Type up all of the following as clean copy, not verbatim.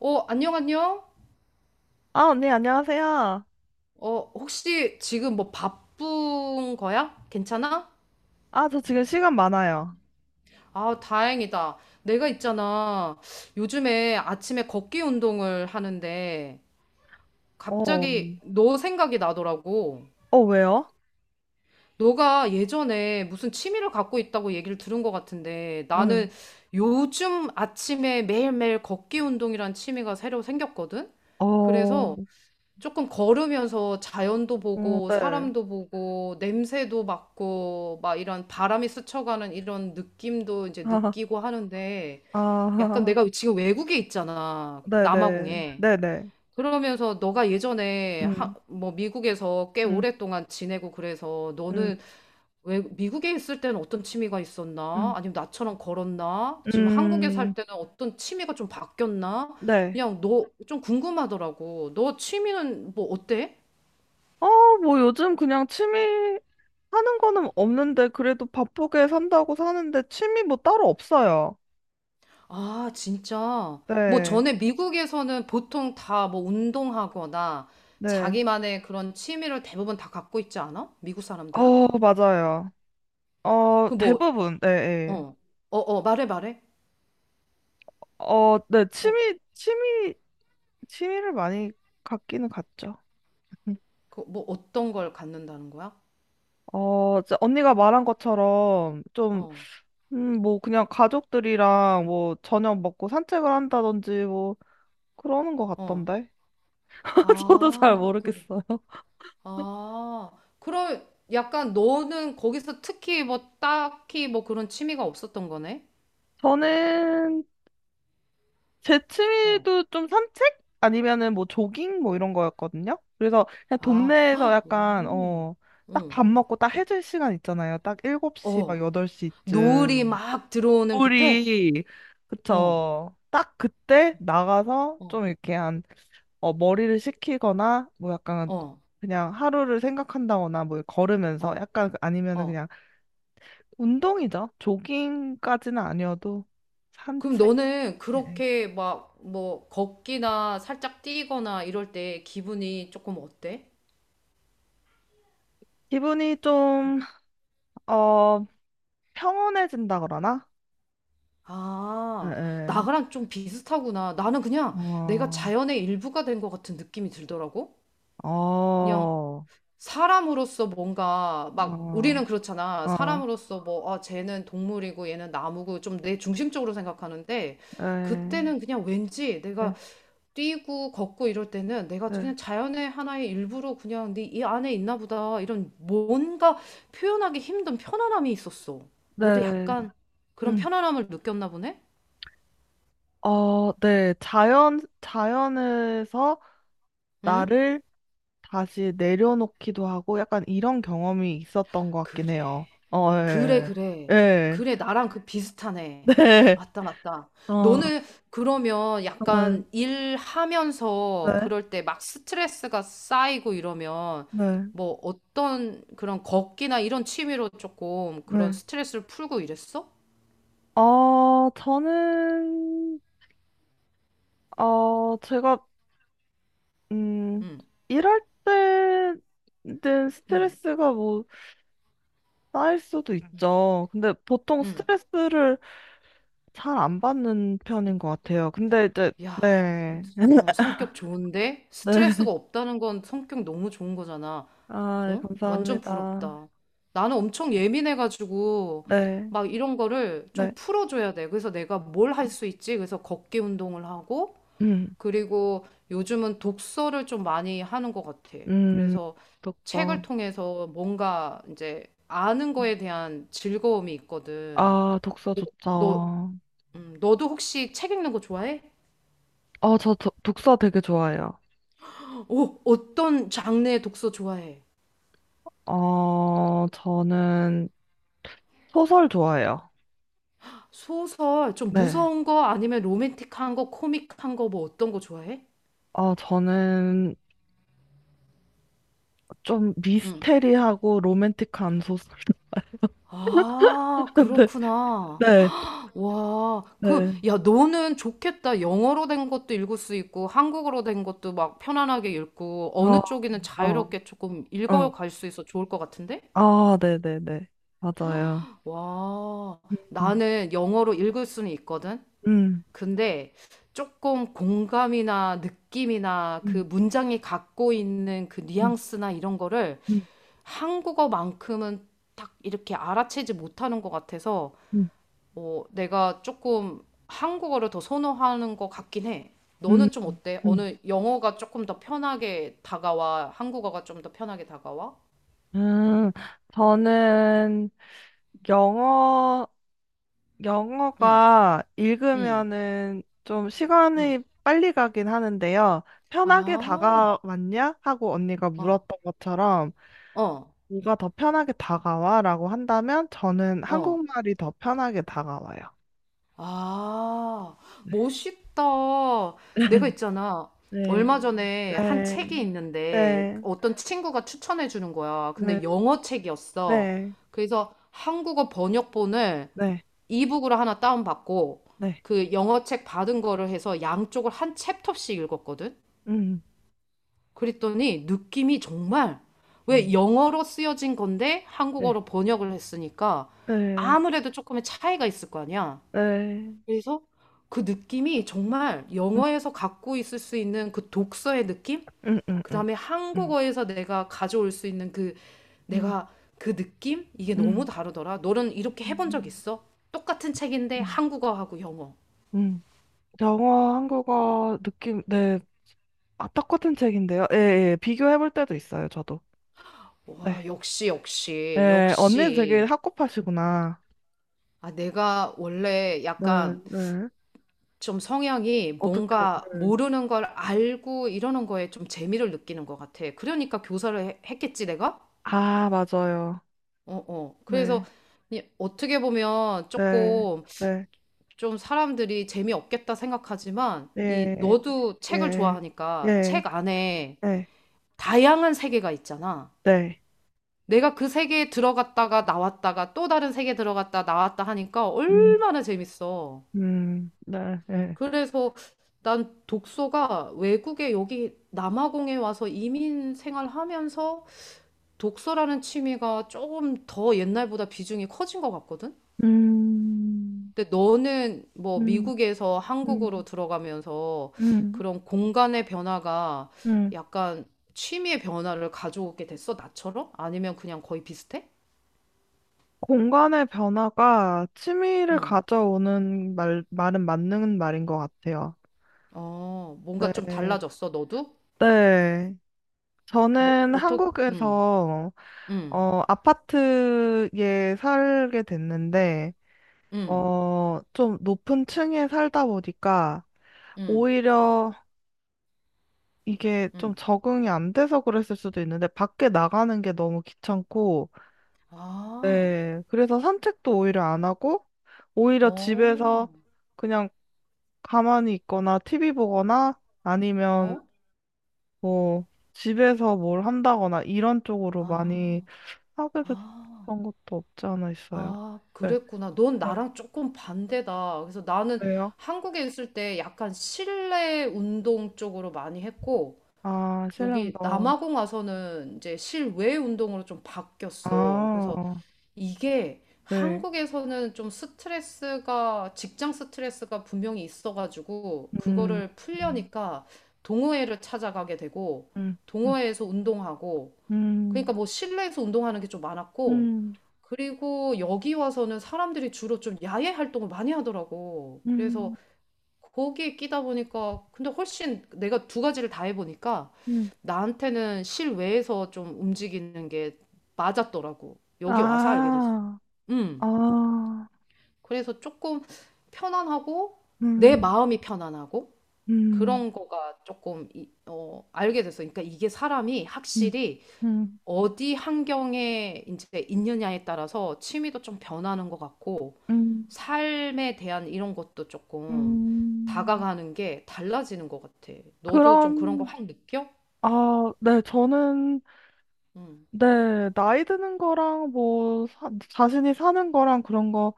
안녕, 안녕. 아, 언니, 안녕하세요. 혹시 지금 뭐 바쁜 거야? 괜찮아? 아, 저 지금 시간 많아요. 아, 다행이다. 내가 있잖아. 요즘에 아침에 걷기 운동을 하는데 어, 갑자기 너 생각이 나더라고. 왜요? 너가 예전에 무슨 취미를 갖고 있다고 얘기를 들은 것 같은데 나는 응. 요즘 아침에 매일매일 걷기 운동이란 취미가 새로 생겼거든? 어, 어, 그래서 조금 걸으면서 자연도 보고 네. 사람도 보고 냄새도 맡고 막 이런 바람이 스쳐가는 이런 느낌도 이제 느끼고 하는데 아, 약간 아, 내가 지금 외국에 있잖아. 네네. 남아공에. 네네. 그러면서 너가 예전에 하, 음, 뭐 미국에서 꽤 음, 오랫동안 지내고 그래서 음, 너는 왜 미국에 있을 때는 어떤 취미가 있었나? 음, 아니면 나처럼 걸었나? 지금 한국에 음, 살 때는 어떤 취미가 좀 바뀌었나? 네. 그냥 너 좀 궁금하더라고. 너 취미는 뭐 어때? 어, 뭐 요즘 그냥 취미 하는 거는 없는데, 그래도 바쁘게 산다고 사는데, 취미 뭐 따로 없어요. 아, 진짜. 뭐 네, 전에 미국에서는 보통 다 뭐 운동하거나 네. 자기만의 그런 취미를 대부분 다 갖고 있지 않아? 미국 사람들은? 맞아요. 그 뭐, 대부분, 네, 네. 어, 말해, 말해. 네, 어, 취미를 많이 갖기는 갖죠. 그 뭐 어떤 걸 갖는다는 거야? 이제 언니가 말한 것처럼 좀, 어, 뭐 그냥 가족들이랑 뭐 저녁 먹고 산책을 한다든지 뭐 그러는 것 어. 같던데. 저도 잘 아, 그, 모르겠어요. 아. 그럼 약간 너는 거기서 특히 뭐 딱히 뭐 그런 취미가 없었던 거네? 저는 제 어, 취미도 좀 산책? 아니면은 뭐 조깅 뭐 어. 이런 거였거든요. 그래서 그냥 아, 동네에서 헉, 약간, 오, 딱 응. 밥 먹고 딱 해질 시간 있잖아요. 딱 7시 막 어, 노을이 8시쯤. 막 들어오는 그때? 우리 어, 그쵸. 딱 그때 나가서 어, 좀 이렇게 한 머리를 식히거나 뭐 약간 어, 그냥 하루를 생각한다거나 뭐 걸으면서 어, 약간 아니면은 어. 그냥 운동이죠. 조깅까지는 아니어도 그럼 산책. 너는 예. 그렇게 막 뭐 걷기나 살짝 뛰거나 이럴 때 기분이 조금 어때? 기분이 좀, 어, 평온해진다 그러나? 예, 아, 예. 나랑 좀 비슷하구나. 나는 그냥 내가 어, 자연의 일부가 된 것 같은 느낌이 들더라고. 어, 그냥 사람으로서 뭔가 막 우리는 어, 그렇잖아. 어, 사람으로서 뭐, 아, 쟤는 동물이고 얘는 나무고 좀 내 중심적으로 생각하는데 예, 그때는 그냥 왠지 내가 예, 뛰고 걷고 이럴 때는 내가 네, 그냥 자연의 하나의 일부로 그냥 네 이 안에 있나 보다 이런 뭔가 표현하기 힘든 편안함이 있었어. 너도 네. 약간 그런 응, 편안함을 느꼈나 보네? 네. 자연에서 응? 나를 다시 내려놓기도 하고 약간 이런 경험이 있었던 것 그래. 같긴 해요. 그래, 예. 그래. 예. 그래, 나랑 그 비슷하네. 네. 맞다, 맞다. 어, 어, 너는 그러면 약간 일하면서 네. 그럴 때 막 스트레스가 쌓이고 이러면 네. 뭐 어떤 그런 걷기나 이런 취미로 조금 그런 네. 스트레스를 풀고 이랬어? 저는, 제가, 음, 응, 일할 때는 응, 스트레스가 뭐 쌓일 수도 응. 있죠. 근데 보통 응. 스트레스를 잘 안 받는 편인 것 같아요. 근데 이제, 야, 네. 성격 좋은데? 네. 스트레스가 없다는 건 성격 너무 좋은 거잖아. 아, 네, 어? 완전 감사합니다. 부럽다. 나는 엄청 예민해가지고, 네. 막 이런 거를 좀 네. 풀어줘야 돼. 그래서 내가 뭘 할 수 있지? 그래서 걷기 운동을 하고, 음, 그리고 요즘은 독서를 좀 많이 하는 것 같아. 음, 그래서 책을 독서. 통해서 뭔가 이제 아는 거에 대한 즐거움이 있거든. 아, 독서 너, 좋죠. 너도 혹시 책 읽는 거 좋아해? 저 도, 독서 되게 좋아해요. 오, 어떤 장르의 독서 좋아해? 저는 소설 좋아해요. 소설, 좀 네. 무서운 거 아니면 로맨틱한 거, 코믹한 거 뭐 어떤 거 좋아해? 저는 좀 응. 미스테리하고 로맨틱한 소설. 아, 그렇구나. 네. 네. 와, 그, 네. 야, 너는 좋겠다. 영어로 된 것도 읽을 수 있고, 한국어로 된 것도 막 편안하게 읽고, 어, 어느 쪽이든 어, 자유롭게 조금 어. 읽어갈 수 있어 좋을 것 같은데? 아, 네네네. 맞아요. 와, 음. 나는 영어로 읽을 수는 있거든. 음, 근데 조금 공감이나 느낌이나 그 음, 문장이 갖고 있는 그 음, 뉘앙스나 이런 거를 음, 한국어만큼은 딱 이렇게 알아채지 못하는 것 같아서 음, 내가 조금 한국어를 더 선호하는 것 같긴 해. 음, 너는 좀 어때? 음. 어느 영어가 조금 더 편하게 다가와? 한국어가 좀 더 편하게 다가와? 음, 저는 영어, 응, 영어가 응, 읽으면은 좀 응. 시간이 빨리 가긴 하는데요. 편하게 아, 다가왔냐? 하고 언니가 어, 물었던 것처럼, 어, 누가 더 편하게 다가와? 라고 한다면 저는 어. 한국말이 더 편하게 다가와요. 아, 멋있다. 내가 있잖아. 네, 얼마 전에 한 네, 책이 있는데 네, 어떤 친구가 추천해 주는 거야. 근데 네, 영어 책이었어. 네, 그래서 한국어 번역본을 네, 이북으로 하나 다운받고 네, 그 영어 책 받은 거를 해서 양쪽을 한 챕터씩 읽었거든. 음, 그랬더니 느낌이 정말 왜 음, 영어로 쓰여진 건데 네, 한국어로 번역을 했으니까 네. 아무래도 조금의 차이가 있을 거 아니야. 네. 그래서 그 느낌이 정말 음, 영어에서 갖고 있을 수 있는 그 독서의 느낌? 음, 음, 음, 그다음에 음, 한국어에서 내가 가져올 수 있는 그 음, 내가 그 느낌? 이게 너무 음, 다르더라. 너는 이렇게 해본 적 음, 있어? 똑같은 책인데 음. 한국어하고 영어. 음. 영어, 한국어 느낌, 네. 아, 똑같은 책인데요. 예, 예. 비교해 볼 때도 있어요, 저도. 와, 네. 역시, 역시, 예, 언니 되게 역시. 학구파시구나. 아, 내가 원래 네, 약간 네. 좀 성향이 어떻게, 뭔가 네. 모르는 걸 알고 이러는 거에 좀 재미를 느끼는 것 같아. 그러니까 했겠지, 내가? 아, 맞아요. 어, 어. 그래서 네, 어떻게 보면 네, 조금 네. 좀 사람들이 재미없겠다 생각하지만 이 예, 너도 책을 예, 좋아하니까 예, 책 안에 예, 다양한 세계가 있잖아. 네. 내가 그 세계에 들어갔다가 나왔다가 또 다른 세계에 들어갔다 나왔다 하니까 음, 얼마나 재밌어. 네, 예. 그래서 난 독서가 외국에 여기 남아공에 와서 이민 생활하면서 독서라는 취미가 조금 더 옛날보다 비중이 커진 것 같거든? 음, 근데 너는 뭐 음, 미국에서 한국으로 음, 들어가면서 음. 그런 공간의 변화가 음. 약간 취미의 변화를 가져오게 됐어, 나처럼? 아니면 그냥 거의 비슷해? 공간의 변화가 취미를 응. 가져오는 말은 맞는 말인 것 같아요. 어, 뭔가 좀 네. 달라졌어, 너도? 네. 뭐, 저는 어떻게, 한국에서, 응, 아파트에 살게 됐는데, 응, 좀 높은 층에 살다 보니까, 응, 오히려 이게 좀 응. 적응이 안 돼서 그랬을 수도 있는데, 밖에 나가는 게 너무 귀찮고, 아, 네. 그래서 산책도 오히려 안 하고, 오히려 어, 집에서 그냥 가만히 있거나 티비 보거나 아니면 어, 뭐 집에서 뭘 한다거나 이런 쪽으로 아, 많이 하게 아. 됐던 것도 없지 않아 있어요. 아, 네. 그랬구나. 넌 네. 나랑 조금 반대다. 그래서 나는 왜요? 한국에 있을 때 약간 실내 운동 쪽으로 많이 했고, 아, 실내 여기 운동. 남아공 와서는 이제 실외 운동으로 좀 바뀌었어. 그래서 아, 이게 네. 한국에서는 좀 스트레스가, 직장 스트레스가 분명히 있어가지고, 음. 그거를 음. 풀려니까 동호회를 찾아가게 되고, 음. 동호회에서 운동하고, 그러니까 음. 뭐 실내에서 운동하는 게 좀 많았고, 음. 그리고 여기 와서는 사람들이 주로 좀 야외 활동을 많이 하더라고. 그래서 음. 거기에 끼다 보니까, 근데 훨씬 내가 두 가지를 다 해보니까 음. 나한테는 실외에서 좀 움직이는 게 맞았더라고. 여기 와서 알게 됐어. 아. 음. 아. 그래서 조금 편안하고 내 음. 마음이 편안하고 음. 그런 거가 조금 알게 됐어. 그러니까 이게 사람이 음. 확실히 음. 어디 환경에 이제 있느냐에 따라서 취미도 좀 변하는 것 같고 음. 삶에 대한 이런 것도 조금 음. 다가가는 게 달라지는 것 같아. 너도 좀 그런 거 그럼 확 느껴? 아, 네, 저는, 응, 네, 나이 드는 거랑 뭐, 자신이 사는 거랑 그런 거,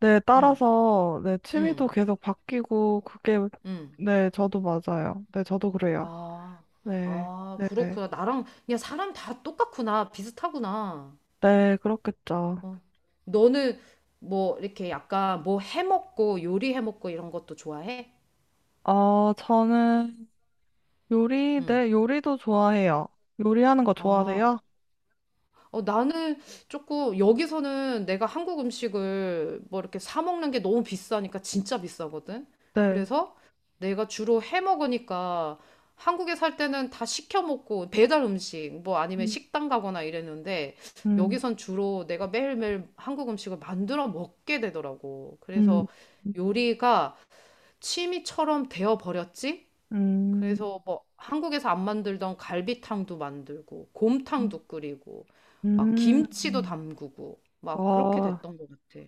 네, 응, 따라서, 네, 취미도 응, 계속 바뀌고, 그게, 응. 네, 저도 맞아요. 네, 저도 그래요. 아, 네, 아, 네네. 네, 그렇구나. 나랑 그냥 사람 다 똑같구나. 비슷하구나. 네, 그렇겠죠. 어. 너는 뭐 이렇게 약간 뭐 해먹고 요리해먹고 이런 것도 좋아해? 저는 요리, 응. 네, 요리도 좋아해요. 요리하는 거 아, 좋아하세요? 나는 조금 여기서는 내가 한국 음식을 뭐 이렇게 사 먹는 게 너무 비싸니까 진짜 비싸거든. 네. 그래서 내가 주로 해 먹으니까 한국에 살 때는 다 시켜 먹고 배달 음식 뭐 아니면 음, 식당 가거나 이랬는데 음, 여기선 주로 내가 매일매일 한국 음식을 만들어 먹게 되더라고. 음, 그래서 요리가 취미처럼 되어 버렸지? 음, 그래서 뭐 한국에서 안 만들던 갈비탕도 만들고 곰탕도 끓이고 막 음, 김치도 음. 담그고 막 그렇게 아, 됐던 것 같아.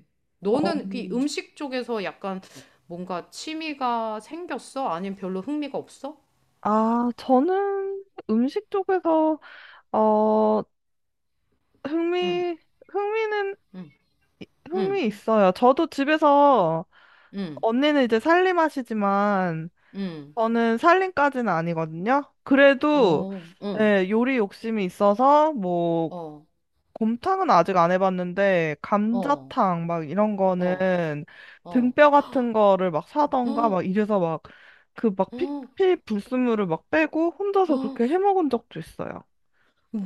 어. 너는 그 음식 쪽에서 약간 뭔가 취미가 생겼어? 아니면 별로 흥미가 없어? 아, 저는 음식 쪽에서, 어, 응, 흥미, 흥미는, 응, 응, 흥미 있어요. 저도 집에서, 응, 언니는 이제 살림하시지만, 응, 저는 살림까지는 아니거든요. 그래도, 어, 응, 예, 요리 욕심이 있어서, 뭐, 어, 곰탕은 아직 안 해봤는데, 어, 감자탕, 막 이런 어, 거는, 어, 등뼈 같은 거를 막 사던가, 어, 막 이래서 막, 그 막 어, 피피 불순물을 막 빼고, 혼자서 어. 그렇게 해 먹은 적도 있어요.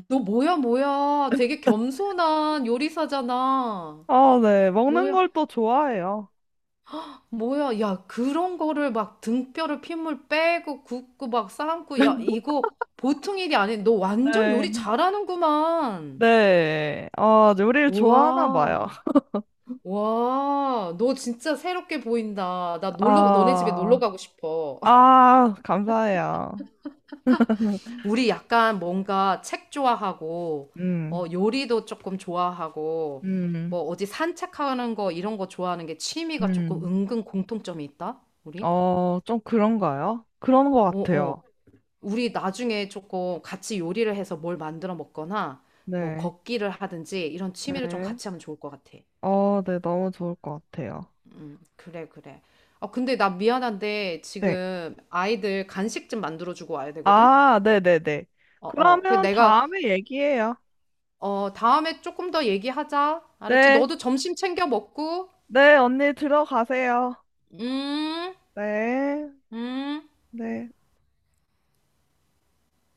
너 뭐야, 뭐야. 되게 겸손한 요리사잖아. 아, 네. 먹는 걸 또 좋아해요. 뭐야, 야, 그런 거를 막 등뼈를 핏물 빼고 굽고 막 삶고, 야, 이거 보통 일이 아니야. 너 완전 요리 네. 잘하는구만. 네. 아, 요리를 좋아하나 와, 봐요. 와, 너 진짜 새롭게 보인다. 나 놀러, 너네 집에 놀러 아, 가고 싶어. 아, 감사해요. 우리 약간 뭔가 책 좋아하고, 음, 요리도 조금 좋아하고, 음, 뭐 어디 산책하는 거 이런 거 좋아하는 게 취미가 조금 음. 은근 공통점이 있다, 우리? 좀 그런가요? 그런 것 어어. 같아요. 우리 나중에 조금 같이 요리를 해서 뭘 만들어 먹거나 뭐 네. 걷기를 하든지 이런 취미를 좀 네. 같이 하면 좋을 것 같아. 네. 너무 좋을 것 같아요. 그래, 그래. 아, 근데 나 미안한데 네. 지금 아이들 간식 좀 만들어주고 와야 되거든? 아, 네네네. 어, 어. 그러면 다음에 얘기해요. 다음에 조금 더 얘기하자. 알았지? 네. 너도 점심 챙겨 먹고. 네. 언니 들어가세요. 음, 네. 음. 네.